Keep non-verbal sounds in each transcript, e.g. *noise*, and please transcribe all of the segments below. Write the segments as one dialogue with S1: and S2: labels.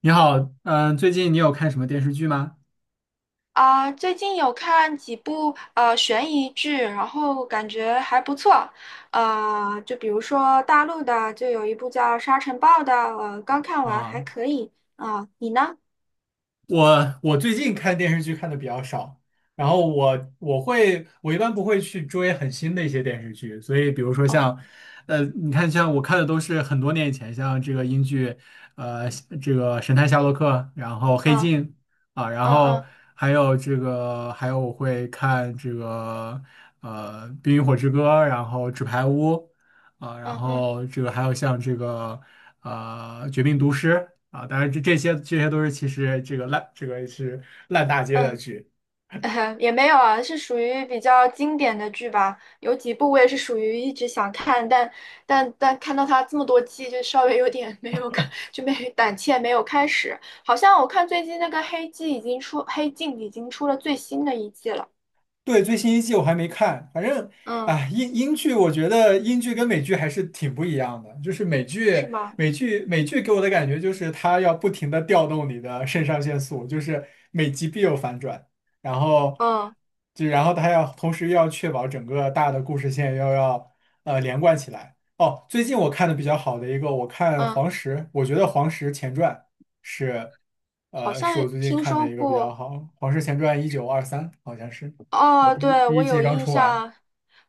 S1: 你好，最近你有看什么电视剧吗？
S2: 啊，最近有看几部悬疑剧，然后感觉还不错。就比如说大陆的，就有一部叫《沙尘暴》的，刚看完
S1: 啊，
S2: 还可以。啊，你呢？
S1: 我最近看电视剧看的比较少，然后我一般不会去追很新的一些电视剧，所以比如说
S2: 哦，
S1: 像，你看像我看的都是很多年以前，像这个英剧，呃，这个《神探夏洛克》，然后《黑
S2: 嗯
S1: 镜》啊，然
S2: 嗯
S1: 后
S2: 嗯
S1: 还有这个还有我会看这个《冰与火之歌》，然后《纸牌屋》。啊，然
S2: 嗯嗯嗯
S1: 后这个还有像这个啊，《绝命毒师》啊，当然这些都是其实这个烂这个是烂大街的
S2: 嗯。
S1: 剧。
S2: *laughs* 也没有啊，是属于比较经典的剧吧。有几部我也是属于一直想看，但看到它这么多季，就稍微有点没有看，就没胆怯，没有开始。好像我看最近那个《黑镜》已经出，《黑镜》已经出了最新的一季了。
S1: 对，最新一季我还没看，反正
S2: 嗯，
S1: 啊，英剧我觉得英剧跟美剧还是挺不一样的，就是
S2: 是吗？
S1: 美剧给我的感觉就是它要不停的调动你的肾上腺素，就是每集必有反转，然后
S2: 嗯
S1: 然后它要同时要确保整个大的故事线要连贯起来。哦，最近我看的比较好的一个，我看
S2: 嗯，
S1: 《黄石》，我觉得《黄石前传》是
S2: 好
S1: 是
S2: 像
S1: 我最近
S2: 听
S1: 看的
S2: 说
S1: 一个比较
S2: 过。
S1: 好，《黄石前传1923》好像是。呃，
S2: 哦，
S1: 第一
S2: 对，
S1: 第
S2: 我
S1: 一季
S2: 有
S1: 刚
S2: 印
S1: 出完。
S2: 象。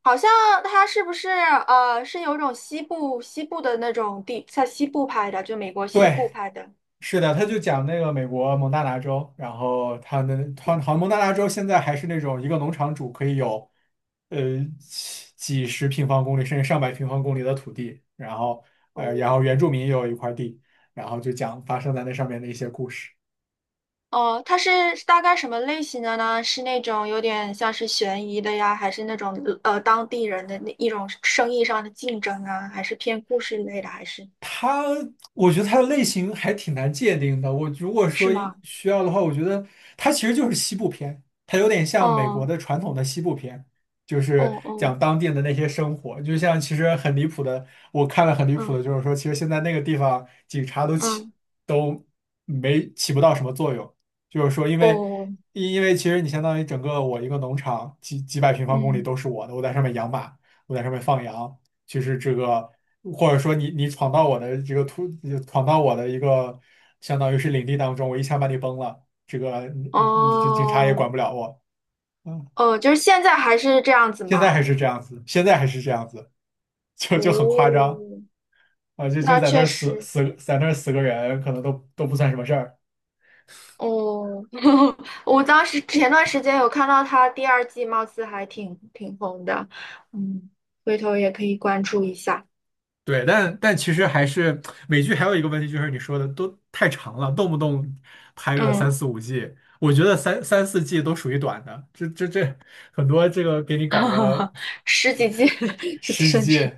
S2: 好像它是不是是有一种西部的那种地，在西部拍的，就美国西
S1: 对，
S2: 部拍的。
S1: 是的，他就讲那个美国蒙大拿州，然后他好像蒙大拿州现在还是那种一个农场主可以有，呃，几十平方公里甚至上百平方公里的土地，然后然
S2: 哦。
S1: 后原住民也有一块地，然后就讲发生在那上面的一些故事。
S2: 哦，它是大概什么类型的呢？是那种有点像是悬疑的呀，还是那种当地人的那一种生意上的竞争啊，还是偏故事类的，还是，
S1: 它，我觉得它的类型还挺难界定的。我如果
S2: 是
S1: 说
S2: 吗？
S1: 一需要的话，我觉得它其实就是西部片，它有点像美国
S2: 哦
S1: 的传统的西部片，就
S2: 哦
S1: 是
S2: 哦
S1: 讲当地的那些生活。就像其实很离谱的，我看了很离谱
S2: 嗯
S1: 的，就是说，其实现在那个地方警察都起
S2: 嗯
S1: 都没起不到什么作用，就是说，因为
S2: 哦，
S1: 因为其实你相当于整个我一个农场几百平方公里
S2: 嗯，
S1: 都是我的，我在上面养马，我在上面放羊。就是这个，或者说你闯到我的这个突，闯到我的一个相当于是领地当中，我一下把你崩了，这个你警察也
S2: 哦
S1: 管不了我。嗯，
S2: 哦，就是现在还是这样子
S1: 现在
S2: 吗？
S1: 还是这样子，现在还是这样子，就很夸
S2: 哦，
S1: 张啊，就
S2: 那
S1: 在那
S2: 确
S1: 儿
S2: 实。
S1: 在那儿死个人，可能都不算什么事儿。
S2: 哦，*laughs* 我当时前段时间有看到他第二季，貌似还挺红的，嗯，回头也可以关注一下。
S1: 对，但其实还是美剧还有一个问题，就是你说的都太长了，动不动拍个三
S2: 嗯，
S1: 四五季，我觉得三四季都属于短的，这这这很多这个给你搞个
S2: *laughs* 十几季 *laughs* 是
S1: 十几
S2: 甚
S1: G
S2: 至，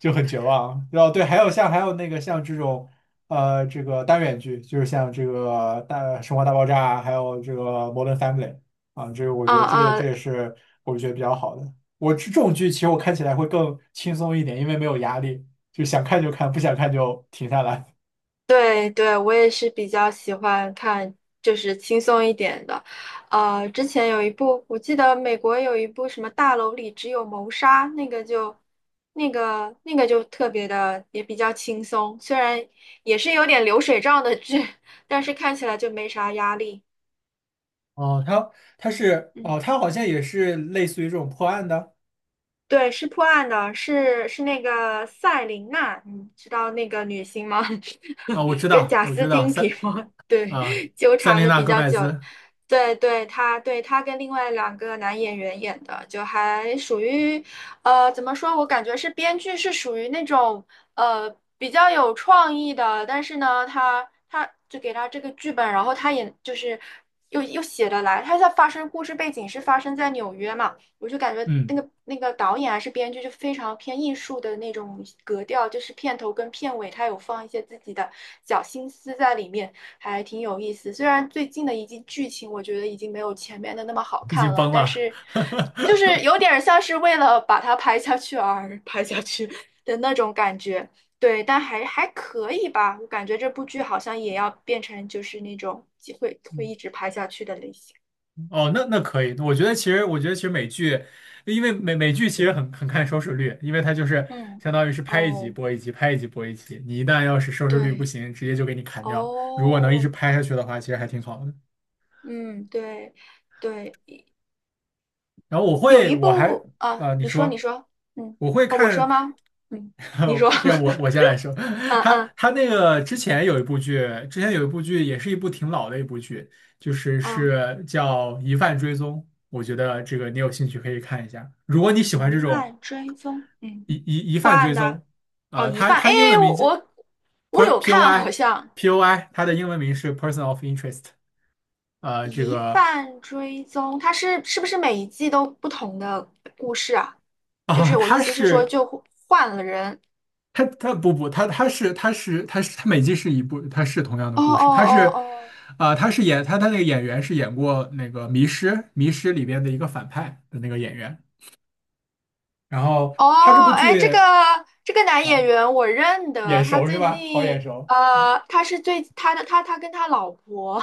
S1: 就很绝望。然后对，还有那个像这种这个单元剧，就是像这个大《生活大爆炸》啊，还有这个《Modern Family》啊，这个我
S2: 啊
S1: 觉得这
S2: 啊，
S1: 这也是我觉得比较好的。我这种剧其实我看起来会更轻松一点，因为没有压力，就想看就看，不想看就停下来。
S2: 对对，我也是比较喜欢看，就是轻松一点的。之前有一部，我记得美国有一部什么《大楼里只有谋杀》，那个就，那个就特别的，也比较轻松，虽然也是有点流水账的剧，*laughs* 但是看起来就没啥压力。
S1: *laughs* 哦，它它是
S2: 嗯。
S1: 哦，它好像也是类似于这种破案的。
S2: 对，是破案的，是那个赛琳娜，你知道那个女星吗？
S1: 啊，我
S2: *laughs*
S1: 知
S2: 跟
S1: 道，
S2: 贾
S1: 我
S2: 斯
S1: 知道，
S2: 汀比吗？*laughs* 对，
S1: 啊，
S2: 纠
S1: 塞
S2: 缠
S1: 琳
S2: 的
S1: 娜·
S2: 比
S1: 戈
S2: 较
S1: 麦
S2: 久。
S1: 兹。
S2: 对对，她跟另外两个男演员演的，就还属于，怎么说？我感觉是编剧是属于那种呃比较有创意的，但是呢，他就给他这个剧本，然后他也就是又写得来。他在发生故事背景是发生在纽约嘛。我就感觉
S1: 嗯。
S2: 那个导演还是编剧就非常偏艺术的那种格调，就是片头跟片尾他有放一些自己的小心思在里面，还挺有意思。虽然最近的一季剧情我觉得已经没有前面的那么好
S1: 已经
S2: 看了，
S1: 崩
S2: 但
S1: 了。
S2: 是就是有
S1: *laughs*
S2: 点像是为了把它拍下去而拍下去 *laughs* 的那种感觉。对，但还可以吧，我感觉这部剧好像也要变成就是那种会一直拍下去的类型。
S1: 哦，那那可以，我觉得其实美剧，因为美剧其实很看收视率，因为它就是
S2: 嗯，
S1: 相当于是拍一集
S2: 哦，
S1: 播一集，拍一集播一集。你一旦要是收视率不
S2: 对。
S1: 行，直接就给你砍掉。如果能一直
S2: 哦，
S1: 拍下去的话，其实还挺好的。
S2: 嗯，对，对，
S1: 然后
S2: 有一
S1: 我还
S2: 部啊，
S1: 你
S2: 你说，你
S1: 说
S2: 说，嗯，
S1: 我会
S2: 啊，我说
S1: 看。
S2: 吗？嗯，你说，
S1: *laughs* 我我
S2: *laughs*
S1: 先来说。*laughs*
S2: 嗯
S1: 他
S2: 嗯
S1: 他那个之前有一部剧，之前有一部剧也是一部挺老的一部剧，就是
S2: 啊，
S1: 是叫《疑犯追踪》，我觉得这个你有兴趣可以看一下。如果你喜欢
S2: 疑
S1: 这种
S2: 犯追踪，嗯，
S1: 疑
S2: 破
S1: 犯
S2: 案
S1: 追
S2: 的，
S1: 踪，
S2: 哦，
S1: 呃，
S2: 疑
S1: 它
S2: 犯，哎，
S1: 它英文名字
S2: 我有看啊，好
S1: POI，
S2: 像
S1: POI，它的英文名是 Person of Interest。呃，这
S2: 疑
S1: 个
S2: 犯追踪，它是不是每一季都不同的故事啊？就是我意
S1: 它
S2: 思是说，
S1: 是
S2: 就换了人，
S1: 他他不不，他他是他是他是它每季是一部，他是同样的
S2: 哦
S1: 故
S2: 哦
S1: 事，
S2: 哦哦。
S1: 它是演那个演员是演过那个《迷失》《迷失》里边的一个反派的那个演员，然后他这
S2: 哦，
S1: 部
S2: 哎，这个
S1: 剧
S2: 这个男演
S1: 啊、
S2: 员我认
S1: 眼
S2: 得，他
S1: 熟是
S2: 最
S1: 吧？好眼
S2: 近
S1: 熟。
S2: 他是最他的他他跟他老婆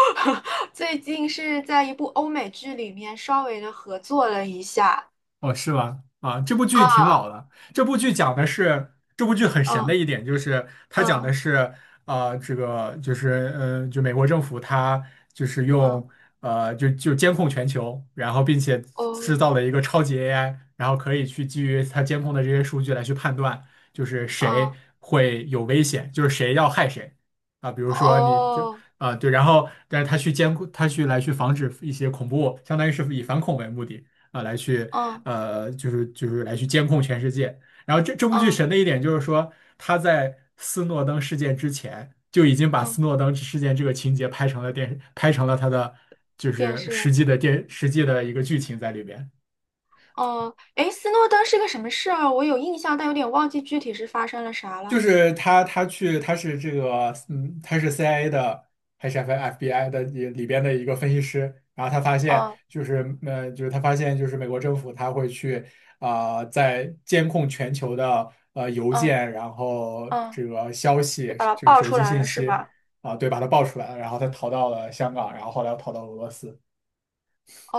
S2: *laughs* 最近是在一部欧美剧里面稍微的合作了一下
S1: 哦，是吗？啊，这部剧挺
S2: 啊，
S1: 老的。这部剧讲的是，这部剧很神的
S2: 嗯
S1: 一点就是，它讲的
S2: 嗯
S1: 是，这个嗯，就美国政府它就是
S2: 嗯，
S1: 用，呃，就监控全球，然后并且制造
S2: 哦，
S1: 了一个超级 AI，然后可以去基于它监控的这些数据来去判断，就是谁
S2: 啊
S1: 会有危险，就是谁要害谁。啊，比如说
S2: 哦，
S1: 对，然后但是他去监控，他去来去防止一些恐怖，相当于是以反恐为目的。啊、来去
S2: 嗯
S1: 呃，就是来去监控全世界。然后这部剧
S2: 嗯
S1: 神的一点就是说，他在斯诺登事件之前就已经把斯
S2: 嗯，
S1: 诺登事件这个情节拍成了电，拍成了他的就
S2: 电
S1: 是实
S2: 视
S1: 际的实际的一个剧情在里边。
S2: 哦，哎，斯诺登是个什么事儿？我有印象，但有点忘记具体是发生了啥了。
S1: 他去，他是这个，嗯，他是 CIA 的还是 FBI 的里边的一个分析师。然后他发现，
S2: 嗯
S1: 就是他发现，就是美国政府他会去在监控全球的邮
S2: 嗯
S1: 件，然后
S2: 嗯，
S1: 这个消
S2: 就
S1: 息，
S2: 把它
S1: 这个
S2: 爆
S1: 手
S2: 出
S1: 机
S2: 来
S1: 信
S2: 了，是
S1: 息
S2: 吧？
S1: 对，把它爆出来了。然后他逃到了香港，然后后来又逃到俄罗斯。
S2: 哦，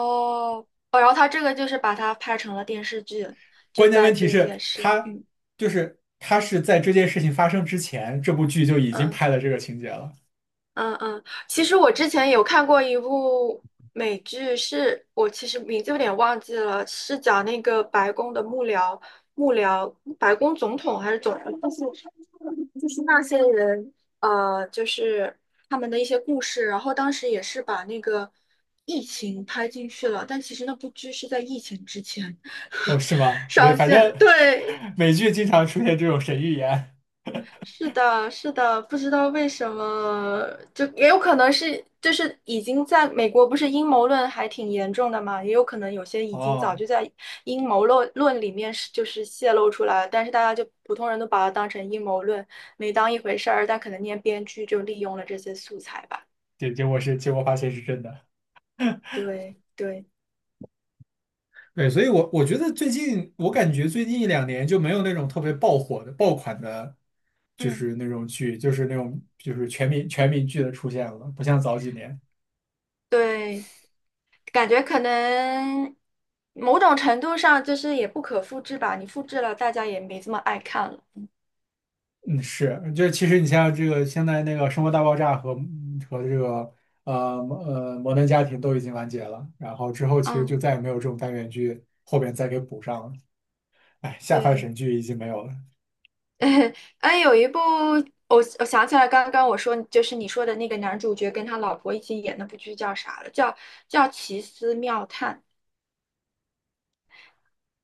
S2: 哦，然后他这个就是把它拍成了电视剧，就
S1: 关键
S2: 在
S1: 问题
S2: 这
S1: 是，
S2: 件事。嗯
S1: 就是他是在这件事情发生之前，这部剧就已经
S2: 嗯
S1: 拍了这个情节了。
S2: 嗯嗯，其实我之前有看过一部美剧是，我其实名字有点忘记了，是讲那个白宫的幕僚，幕僚白宫总统还是总统，就是那些人，就是他们的一些故事。然后当时也是把那个疫情拍进去了，但其实那部剧是在疫情之前
S1: 哦，是
S2: *laughs*
S1: 吗？对，
S2: 上
S1: 反
S2: 线
S1: 正
S2: 的，对。
S1: *laughs* 美剧经常出现这种神预言。
S2: 是的，是的，不知道为什么，就也有可能是，就是已经在美国，不是阴谋论还挺严重的嘛，也有可能有些已经早
S1: 哦，
S2: 就在阴谋论里面就是泄露出来了，但是大家就普通人都把它当成阴谋论，没当一回事儿，但可能那些编剧就利用了这些素材吧。
S1: 对，结果发现是真的。
S2: 对对，
S1: 对，所以我觉得最近我感觉最近一
S2: 嗯
S1: 两年就没有那种特别爆火的爆款的，就
S2: 嗯，
S1: 是那种剧，就是那种就是全民剧的出现了，不像早几年。
S2: 对，感觉可能某种程度上就是也不可复制吧，你复制了，大家也没这么爱看了。
S1: 嗯，是，就是其实你像这个现在那个《生活大爆炸》和这个摩登家庭都已经完结了，然后之后其实就
S2: 嗯，
S1: 再也没有这种单元剧后边再给补上了。哎，下饭
S2: 对。
S1: 神剧已经没有了。
S2: *laughs* 哎，有一部我想起来，刚刚我说就是你说的那个男主角跟他老婆一起演那部剧叫啥了？叫《奇思妙探》。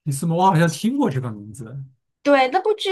S1: 你斯摩，我好像听过这个名字。
S2: 对，那部剧，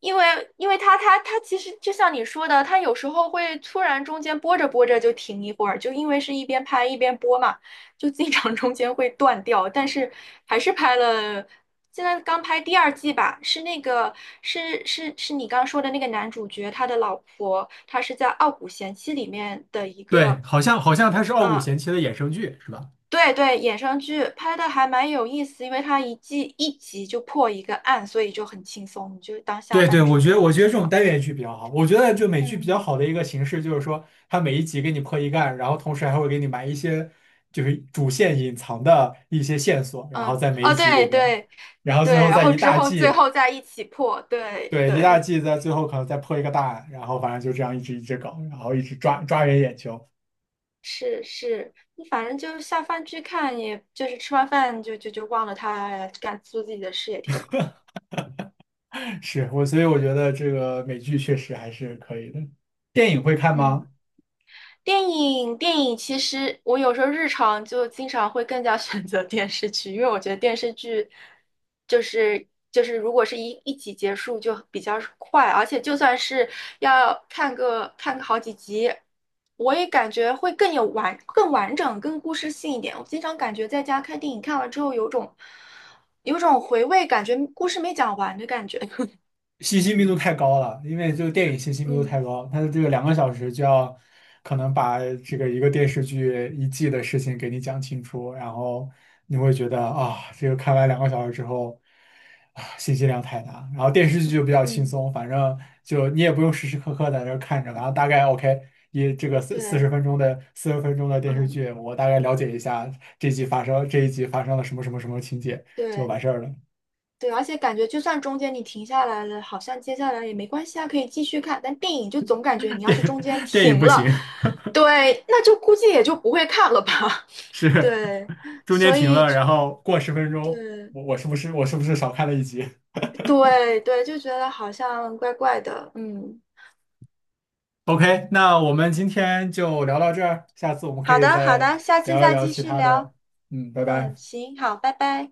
S2: 因为因为它其实就像你说的，它有时候会突然中间播着播着就停一会儿，就因为是一边拍一边播嘛，就经常中间会断掉，但是还是拍了。现在刚拍第二季吧，是那个是你刚说的那个男主角，他的老婆，他是在《傲骨贤妻》里面的一
S1: 对，
S2: 个，
S1: 好像它是《傲骨
S2: 啊、
S1: 贤妻》的衍生剧，是吧？
S2: 对对，衍生剧拍的还蛮有意思，因为它一季一集就破一个案，所以就很轻松，你就当下
S1: 对对，
S2: 饭剧看
S1: 我
S2: 也
S1: 觉得这
S2: 挺
S1: 种
S2: 好。
S1: 单元剧比较好。我觉得就美剧比较
S2: 嗯
S1: 好的一个形式就是说，它每一集给你破一案，然后同时还会给你埋一些就是主线隐藏的一些线索，然后
S2: 嗯，
S1: 在每一
S2: 哦，
S1: 集里
S2: 对
S1: 边，
S2: 对
S1: 然后最
S2: 对，
S1: 后
S2: 然
S1: 在
S2: 后
S1: 一
S2: 之
S1: 大
S2: 后最
S1: 季，
S2: 后再一起破，对
S1: 对，一大
S2: 对，
S1: 季在最后可能再破一个大案，然后反正就这样一直搞，然后一直抓人眼球。
S2: 是是，你反正就下饭剧看，也就是吃完饭就忘了他做自己的事也挺好。
S1: 所以我觉得这个美剧确实还是可以的。电影会看
S2: 嗯。
S1: 吗？
S2: 电影其实我有时候日常就经常会更加 *laughs* 选择电视剧，因为我觉得电视剧就是如果是一集结束就比较快，而且就算是要看个好几集，我也感觉会更有完整、更故事性一点。我经常感觉在家看电影看完之后有种回味，感觉故事没讲完的感觉。*laughs*
S1: 信息密度太高了，因为这个电影信息密度太
S2: 嗯
S1: 高，它的这个两个小时就要可能把这个一个电视剧一季的事情给你讲清楚，然后你会觉得啊，这个看完两个小时之后啊，信息量太大。然后电视剧就比较轻
S2: 嗯，
S1: 松，反正就你也不用时时刻刻在那儿看着，然后大概 OK。一这个
S2: 对，
S1: 四十分钟的电视
S2: 嗯
S1: 剧，我大概了解一下这一集发生了什么什么什么情节就
S2: 对。
S1: 完事儿了。
S2: 对，而且感觉就算中间你停下来了，好像接下来也没关系啊，可以继续看。但电影就总感觉你
S1: *laughs*
S2: 要是
S1: 电
S2: 中间
S1: 电影
S2: 停
S1: 不
S2: 了，
S1: 行，
S2: 对，那就估计也就不会看了吧。*laughs*
S1: 是。
S2: 对，
S1: 中间
S2: 所
S1: 停
S2: 以
S1: 了，然后过十分钟，
S2: 对
S1: 我是不是少看了一集
S2: 对对，就觉得好像怪怪的。嗯，
S1: ？OK，那我们今天就聊到这儿，下次我们可
S2: 好
S1: 以
S2: 的好
S1: 再
S2: 的，下次
S1: 聊一
S2: 再
S1: 聊
S2: 继
S1: 其
S2: 续
S1: 他的。
S2: 聊。
S1: 嗯，拜
S2: 嗯，
S1: 拜。
S2: 行，好，拜拜。